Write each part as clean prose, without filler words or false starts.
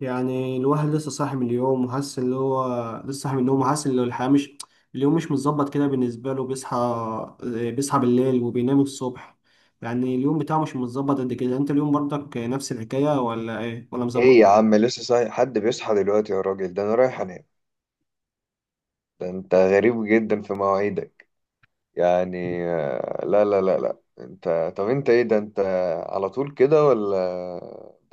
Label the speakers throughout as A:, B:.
A: يعني الواحد لسه صاحي من اليوم وحاسس اللي هو لسه صاحي من النوم وحاسس ان الحياة مش اليوم مش متظبط كده بالنسبة له، بيصحى بيصحى بالليل وبينام الصبح. يعني اليوم بتاعه مش متظبط قد كده. انت اليوم برضك نفس الحكاية ولا ايه ولا
B: ايه
A: مظبط؟
B: يا عم، لسه صاحي؟ حد بيصحى دلوقتي يا راجل؟ ده انا رايح انام. ده انت غريب جدا في مواعيدك. يعني لا لا لا لا، انت، طب انت ايه؟ ده انت على طول كده ولا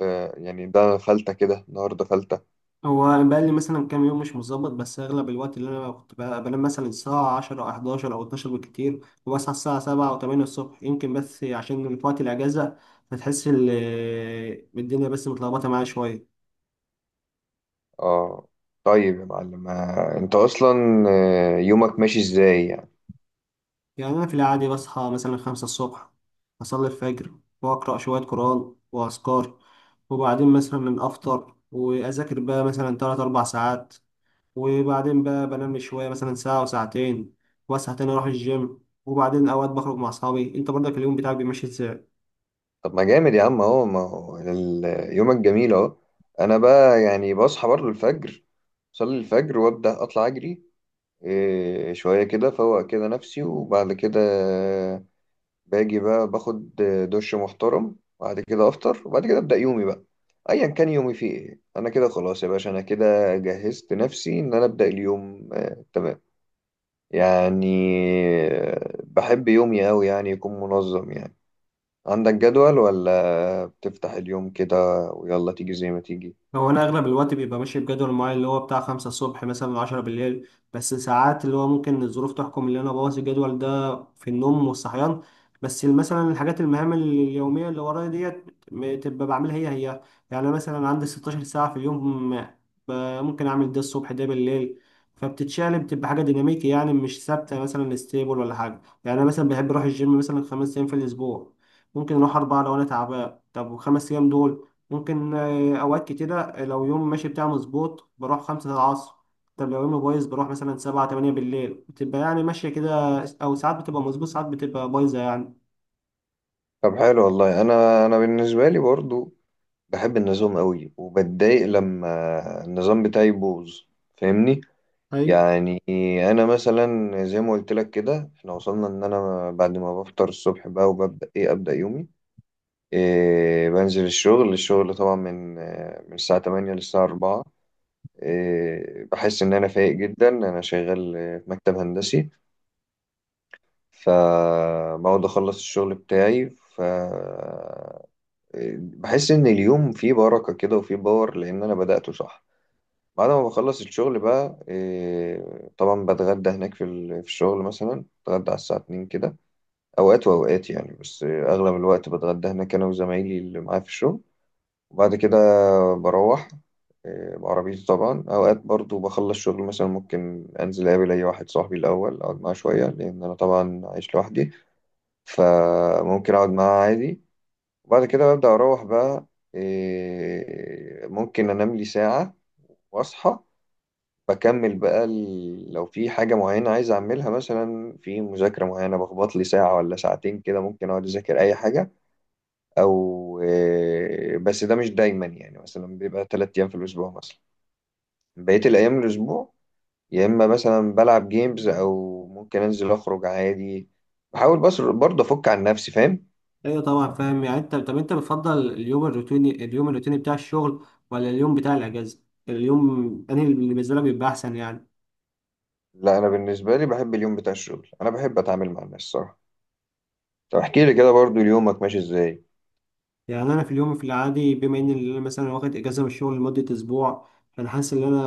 B: ب... يعني ده فلتة كده، النهارده فلتة.
A: هو بقى لي مثلا كام يوم مش متظبط، بس اغلب الوقت اللي انا كنت بقى بنام مثلا الساعة 10 او 11 او 12 بالكتير، وبصحى الساعة 7 او 8 الصبح يمكن، بس عشان في وقت الاجازة. فتحس ال- الدنيا بس متلخبطة معايا شوية.
B: اه، طيب يا معلم. انت اصلا يومك ماشي ازاي يعني؟
A: يعني أنا في العادي بصحى مثلا خمسة الصبح، أصلي الفجر وأقرأ شوية قرآن وأذكار، وبعدين مثلا أفطر وأذاكر بقى مثلا تلات أربع ساعات، وبعدين بقى بنام شوية مثلا ساعة وساعتين، وأصحى تاني أروح الجيم، وبعدين أوقات بخرج مع أصحابي. أنت برضك اليوم بتاعك بيمشي إزاي؟
B: طب ما جامد يا عم اهو. ما هو يومك جميل اهو. انا بقى يعني بصحى برضه الفجر، صلي الفجر وابدا اطلع اجري، إيه شوية كده فوق كده نفسي، وبعد كده باجي بقى باخد دش محترم. بعد كده أفطر، وبعد كده أبدأ يومي بقى، أيا كان يومي فيه إيه. أنا كده خلاص يا باشا، أنا كده جهزت نفسي إن أنا أبدأ اليوم. آه تمام يعني. بحب يومي أوي يعني يكون منظم يعني. عندك جدول ولا بتفتح اليوم كده ويلا تيجي زي ما تيجي؟
A: هو انا اغلب الوقت بيبقى ماشي بجدول معين اللي هو بتاع خمسة الصبح مثلا عشرة بالليل، بس ساعات اللي هو ممكن الظروف تحكم اللي انا بوظ الجدول ده في النوم والصحيان. بس مثلا الحاجات المهام اليومية اللي ورايا ديت تبقى بعملها هي هي. يعني أنا مثلا عندي 16 ساعة في اليوم، ب- ممكن اعمل ده الصبح ده بالليل، فبتتشقلب، بتبقى حاجة ديناميكي يعني، مش ثابتة مثلا ستيبل ولا حاجة. يعني انا مثلا بحب اروح الجيم مثلا خمس ايام في الاسبوع، ممكن اروح اربعة لو انا تعبان. طب وخمس ايام دول ممكن أوقات كتيرة لو يوم ماشي بتاعي مظبوط بروح خمسة العصر، طب لو يومي بايظ بروح مثلا سبعة تمانية بالليل، بتبقى يعني ماشية كده، أو ساعات بتبقى مظبوط ساعات بتبقى بايظة يعني.
B: طب حلو والله. أنا بالنسبة لي برضو بحب النظام قوي، وبتضايق لما النظام بتاعي يبوظ، فاهمني؟
A: ايوه
B: يعني انا مثلا زي ما قلت لك كده، احنا وصلنا ان انا بعد ما بفطر الصبح بقى وببدا ايه ابدا يومي. إيه بنزل الشغل طبعا من من الساعه 8 للساعه 4. إيه بحس ان انا فايق جدا. انا شغال في مكتب هندسي، فبقعد اخلص الشغل بتاعي. ف إيه، بحس ان اليوم فيه بركة كده وفيه باور لان انا بدأته صح. بعد ما بخلص الشغل بقى إيه، طبعا بتغدى هناك في في الشغل، مثلا بتغدى على الساعة 2 كده، أوقات وأوقات يعني. بس إيه، أغلب الوقت بتغدى هناك أنا وزمايلي اللي معايا في الشغل. وبعد كده بروح إيه، بعربيتي طبعا. أوقات برضو بخلص شغل مثلا ممكن أنزل أقابل أي واحد صاحبي الأول، أقعد معاه شوية لأن أنا طبعا عايش لوحدي، فممكن أقعد معاه عادي. وبعد كده ببدأ أروح بقى إيه، ممكن أنام لي ساعة وأصحى، بكمل بقى لو في حاجة معينة عايز أعملها مثلا في مذاكرة معينة، بخبط لي ساعة ولا ساعتين كده، ممكن أقعد أذاكر أي حاجة. أو بس ده مش دايما يعني، مثلا بيبقى تلات أيام في الأسبوع مثلا. بقية الأيام الأسبوع يا إما مثلا بلعب جيمز أو ممكن أنزل أخرج عادي. بحاول بس برضه أفك عن نفسي، فاهم؟
A: ايوه طبعا فاهم. يعني انت طب انت بتفضل اليوم الروتيني، اليوم الروتيني بتاع الشغل ولا اليوم بتاع الاجازه؟ اليوم انا اللي بالنسبه لك بيبقى احسن يعني.
B: لا، أنا بالنسبة لي بحب اليوم بتاع الشغل. أنا بحب أتعامل مع الناس صراحة. طب احكي لي كده برضه يومك ماشي إزاي؟
A: يعني انا في اليوم في العادي بما ان انا مثلا واخد اجازه من الشغل لمده اسبوع، فانا حاسس ان انا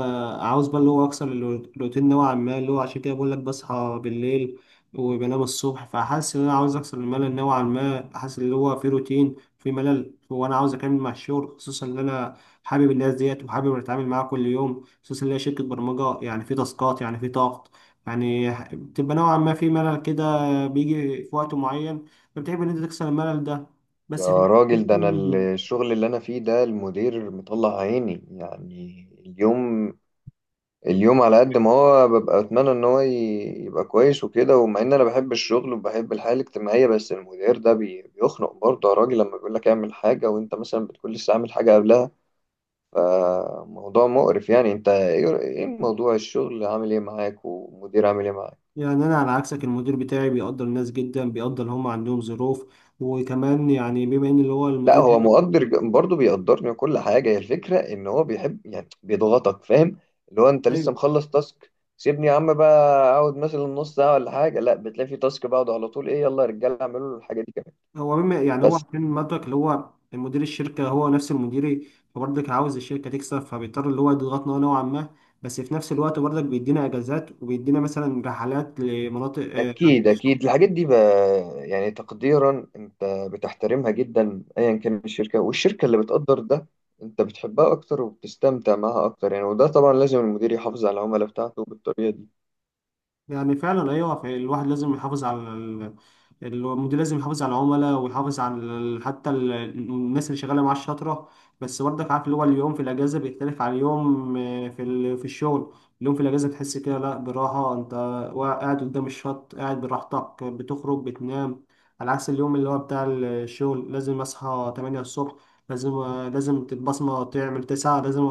A: عاوز بقى اللي هو اكسر الروتين نوعا ما، اللي هو عشان كده بقول لك بصحى بالليل وبنام الصبح، فحاسس ان انا عاوز اكسر الملل نوعا ما، حاسس اللي هو في روتين في ملل، وانا عاوز اكمل مع الشغل خصوصا ان انا حابب الناس ديت وحابب اتعامل معاها كل يوم، خصوصا ان هي شركه برمجه يعني، في تاسكات يعني في ضغط، يعني بتبقى نوعا ما في ملل كده بيجي في وقت معين، فبتحب ان انت تكسر الملل ده، بس في
B: يا راجل، ده انا
A: مم.
B: الشغل اللي انا فيه ده المدير مطلع عيني. يعني اليوم، اليوم على قد ما هو ببقى اتمنى ان هو يبقى كويس وكده، ومع ان انا بحب الشغل وبحب الحياة الاجتماعية، بس المدير ده بيخنق برضه يا راجل، لما بيقول لك اعمل حاجة وانت مثلا بتكون لسه عامل حاجة قبلها. فموضوع مقرف يعني. انت ايه؟ إيه موضوع الشغل عامل ايه معاك ومدير عامل ايه معاك؟
A: يعني انا على عكسك المدير بتاعي بيقدر الناس جدا، بيقدر اللي هم عندهم ظروف، وكمان يعني بما ان اللي هو
B: لا،
A: المدير
B: هو مقدر برضه بيقدرني وكل حاجة. هي الفكرة إن هو بيحب يعني بيضغطك، فاهم؟ اللي هو أنت لسه
A: ايوه.
B: مخلص تاسك، سيبني يا عم بقى، أقعد مثلا نص ساعة ولا حاجة. لا، بتلاقي في تاسك بعد على طول، إيه يلا يا رجالة اعملوا الحاجة دي كمان.
A: هو بما يعني هو
B: بس
A: عشان مدرك اللي هو مدير الشركه هو نفس المديري، فبرضك عاوز الشركه تكسب، فبيضطر اللي هو يضغطنا نوعا ما، بس في نفس الوقت برضك بيدينا اجازات وبيدينا مثلا رحلات لمناطق
B: أكيد أكيد الحاجات دي بقى يعني تقديرا، أنت بتحترمها جدا. أيا كان الشركة، والشركة اللي بتقدر ده أنت بتحبها أكتر وبتستمتع معاها أكتر يعني. وده طبعا لازم المدير يحافظ على العملاء بتاعته بالطريقة دي.
A: يعني فعلا ايوه. الواحد لازم يحافظ المدير لازم يحافظ على العملاء ويحافظ على ال- حتى ال- الناس اللي شغاله معاه الشاطره. بس برضك عارف اللي هو اليوم في الاجازه بيختلف عن اليوم في الشغل. اليوم في الاجازه تحس كده لا براحه انت قاعد قدام الشط قاعد براحتك، بتخرج بتنام، على عكس اليوم اللي هو بتاع الشغل، لازم اصحى 8 الصبح، لازم لازم تتبصمه، تعمل 9، لازم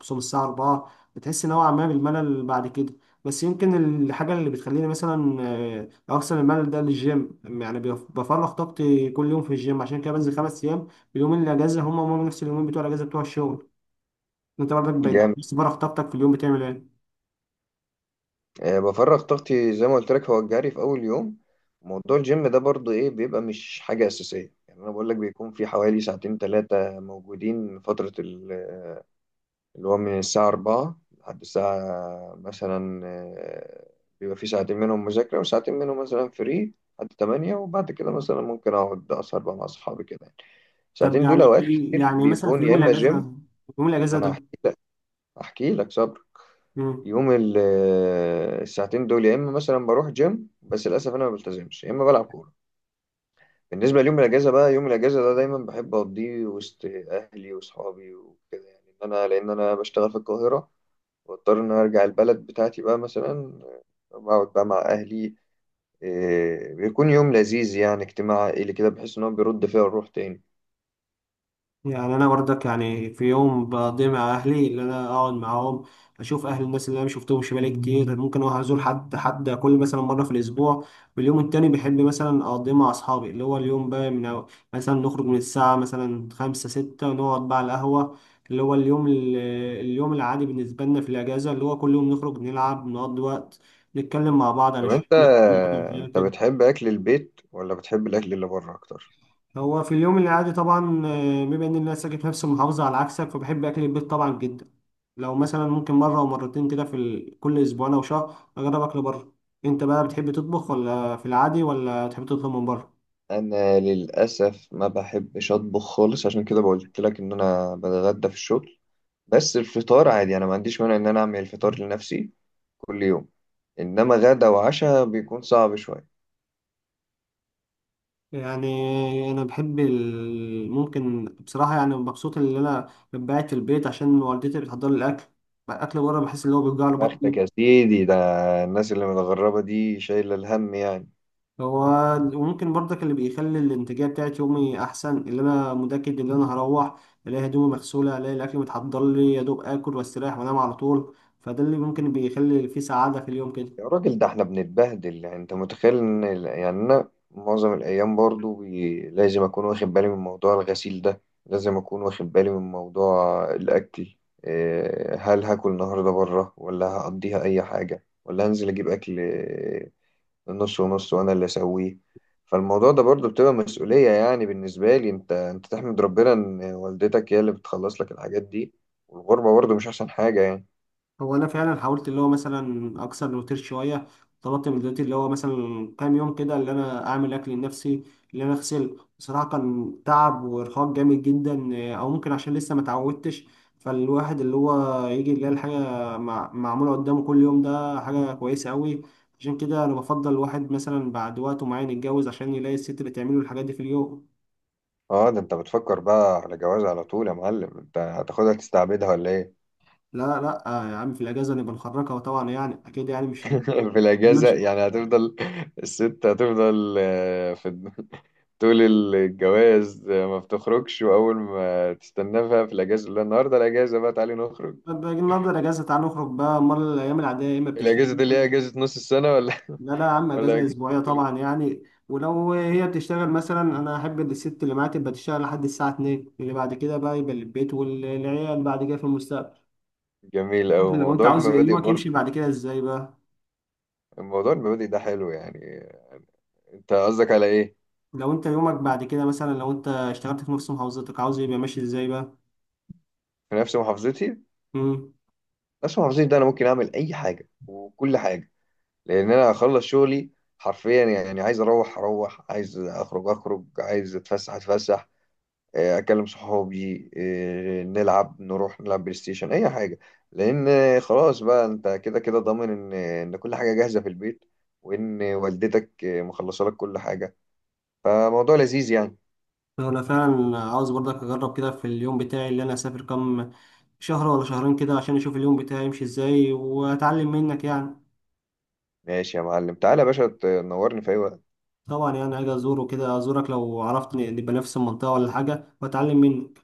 A: تصوم الساعه 4، بتحس نوعا ما بالملل بعد كده. بس يمكن الحاجة اللي بتخليني مثلا أغسل الملل ده للجيم، يعني بفرغ طاقتي كل يوم في الجيم، عشان كده بنزل خمس أيام. اليومين اللي أجازة هما هما نفس اليومين بتوع الأجازة بتوع الشغل. أنت برضك لو
B: جامد.
A: بس فرغ طاقتك في اليوم بتعمل إيه؟
B: بفرغ طاقتي زي ما قلت لك، هو الجري في اول يوم. موضوع الجيم ده برضو ايه، بيبقى مش حاجه اساسيه يعني. انا بقول لك بيكون في حوالي ساعتين ثلاثه موجودين فتره اللي هو من الساعه 4 لحد الساعه مثلا بيبقى في ساعتين منهم مذاكره وساعتين منهم مثلا فري لحد 8. وبعد كده مثلا ممكن اقعد اسهر بقى مع اصحابي كده يعني.
A: طب
B: ساعتين دول
A: يعني
B: اوقات كتير
A: يعني مثلا في
B: بيكون
A: يوم
B: يا اما
A: الأجازة،
B: جيم.
A: في يوم
B: ما انا
A: الأجازة
B: هحكي، احكي لك صبرك.
A: ده،
B: يوم الساعتين دول يا اما مثلا بروح جيم، بس للاسف انا ما بلتزمش، يا اما بلعب كوره. بالنسبه ليوم الاجازه بقى، يوم الاجازه ده دايما بحب اقضيه وسط اهلي واصحابي وكده يعني، ان انا لان انا بشتغل في القاهره، واضطر ان أنا ارجع البلد بتاعتي بقى مثلا، بقعد بقى مع اهلي. إيه، بيكون يوم لذيذ يعني، اجتماع عائلي كده، بحس ان هو بيرد فيها الروح تاني.
A: يعني انا برضك يعني في يوم بقضي مع اهلي اللي انا اقعد معاهم، اشوف اهل الناس اللي انا ما شفتهمش بقالي كتير، ممكن اروح ازور حد حد كل مثلا مره في الاسبوع، واليوم التاني بحب مثلا اقضيه مع اصحابي اللي هو اليوم بقى مثلا نخرج من الساعه مثلا خمسة ستة ونقعد بقى على القهوه، اللي هو اليوم ال... اليوم العادي بالنسبه لنا في الاجازه اللي هو كل يوم نخرج نلعب نقضي وقت، نتكلم مع بعض عن
B: طب انت،
A: الشغل.
B: انت بتحب اكل البيت ولا بتحب الاكل اللي بره اكتر؟
A: هو في اليوم العادي طبعا بما ان الناس ساكن في نفس المحافظه على عكسك، فبحب اكل البيت طبعا جدا، لو مثلا ممكن مره او مرتين كده كل اسبوعين او شهر اجرب اكل بره. انت بقى بتحب تطبخ ولا في العادي ولا تحب تطلب من بره؟
B: انا للاسف ما بحبش اطبخ خالص، عشان كده قلت لك ان انا بتغدى في الشغل. بس الفطار عادي، انا ما عنديش مانع ان انا اعمل الفطار لنفسي كل يوم، انما غدا وعشاء بيكون صعب شويه.
A: يعني انا ممكن بصراحه يعني مبسوط ان انا ببعت في البيت عشان والدتي بتحضر لي الاكل، اكل بره بحس ان هو بيوجع له
B: يا بختك
A: بطني.
B: يا سيدي، ده الناس اللي متغربه دي شايله الهم يعني.
A: هو وممكن برضك اللي بيخلي الانتاجيه بتاعت يومي احسن اللي انا متاكد ان انا هروح الاقي هدومي مغسوله، الاقي الاكل متحضر لي، يا دوب اكل واستريح وانام على طول، فده اللي ممكن بيخلي فيه سعاده في اليوم كده.
B: يا راجل، ده احنا بنتبهدل يعني. انت متخيل ان يعني انا معظم الايام برضو لازم اكون واخد بالي من موضوع الغسيل ده، لازم اكون واخد بالي من موضوع الاكل. إيه، هل هاكل النهارده بره ولا هقضيها اي حاجه ولا هنزل اجيب اكل؟ إيه، نص ونص وانا اللي اسويه. فالموضوع ده برضو بتبقى مسؤوليه يعني بالنسبه لي. انت، انت تحمد ربنا ان والدتك هي اللي بتخلص لك الحاجات دي، والغربه برضو مش احسن حاجه يعني.
A: هو انا فعلا حاولت اللي هو مثلا اكسر الروتين شويه، طلبت من دلوقتي اللي هو مثلا كام يوم كده اللي انا اعمل اكل لنفسي، اللي انا اغسل، بصراحه كان تعب وارهاق جامد جدا، او ممكن عشان لسه ما اتعودتش، فالواحد اللي هو يجي يلاقي الحاجه معموله قدامه كل يوم، ده حاجه كويسه قوي. عشان كده انا بفضل الواحد مثلا بعد وقت معين يتجوز، عشان يلاقي الست اللي تعمله الحاجات دي في اليوم.
B: اه، ده انت بتفكر بقى على جواز على طول يا معلم. انت هتاخدها تستعبدها ولا ايه؟
A: لا لا، يا عم في الاجازه نبقى نخرجها طبعا يعني اكيد يعني.
B: في الاجازه
A: مش
B: يعني هتفضل الست هتفضل في طول الجواز. ما بتخرجش، واول ما تستناه بقى في الاجازه، لا، النهارده الاجازه بقى تعالي نخرج.
A: طب باجي النهارده اجازه تعال نخرج بقى، امال الايام العاديه يا اما بتشتغل
B: الاجازه دي اللي هي
A: مثلا.
B: اجازه نص السنه ولا
A: لا لا يا عم،
B: ولا
A: اجازه
B: اجازه
A: اسبوعيه طبعا يعني. ولو هي بتشتغل مثلا، انا احب إن الست اللي معايا تبقى تشتغل لحد الساعه 2، اللي بعد كده بقى يبقى للبيت والعيال بعد كده في المستقبل.
B: جميل أوي
A: لو انت
B: موضوع
A: عاوز
B: المبادئ
A: يومك يمشي
B: برضه.
A: بعد كده ازاي بقى،
B: الموضوع المبادئ ده حلو يعني. انت قصدك على ايه؟
A: لو انت يومك بعد كده مثلا لو انت اشتغلت في نفس محافظتك عاوز يبقى ماشي ازاي بقى؟
B: في نفس محافظتي؟
A: امم،
B: نفس محافظتي ده انا ممكن اعمل اي حاجه وكل حاجه، لان انا هخلص شغلي حرفيا يعني. عايز اروح اروح، عايز اخرج اخرج، عايز اتفسح اتفسح، اكلم صحابي، نلعب، نروح نلعب بلاي ستيشن اي حاجه. لان خلاص بقى، انت كده كده ضامن ان كل حاجه جاهزه في البيت، وان والدتك مخلصه لك كل حاجه، فموضوع لذيذ يعني.
A: انا فعلا عاوز برضك اجرب كده في اليوم بتاعي اللي انا اسافر كام شهر ولا شهرين كده، عشان اشوف اليوم بتاعي يمشي ازاي واتعلم منك يعني.
B: ماشي يا معلم، تعالى يا باشا تنورني في اي وقت.
A: طبعا يعني عايز ازوره كده، ازورك لو عرفت نبقى نفس المنطقة ولا حاجة، واتعلم منك.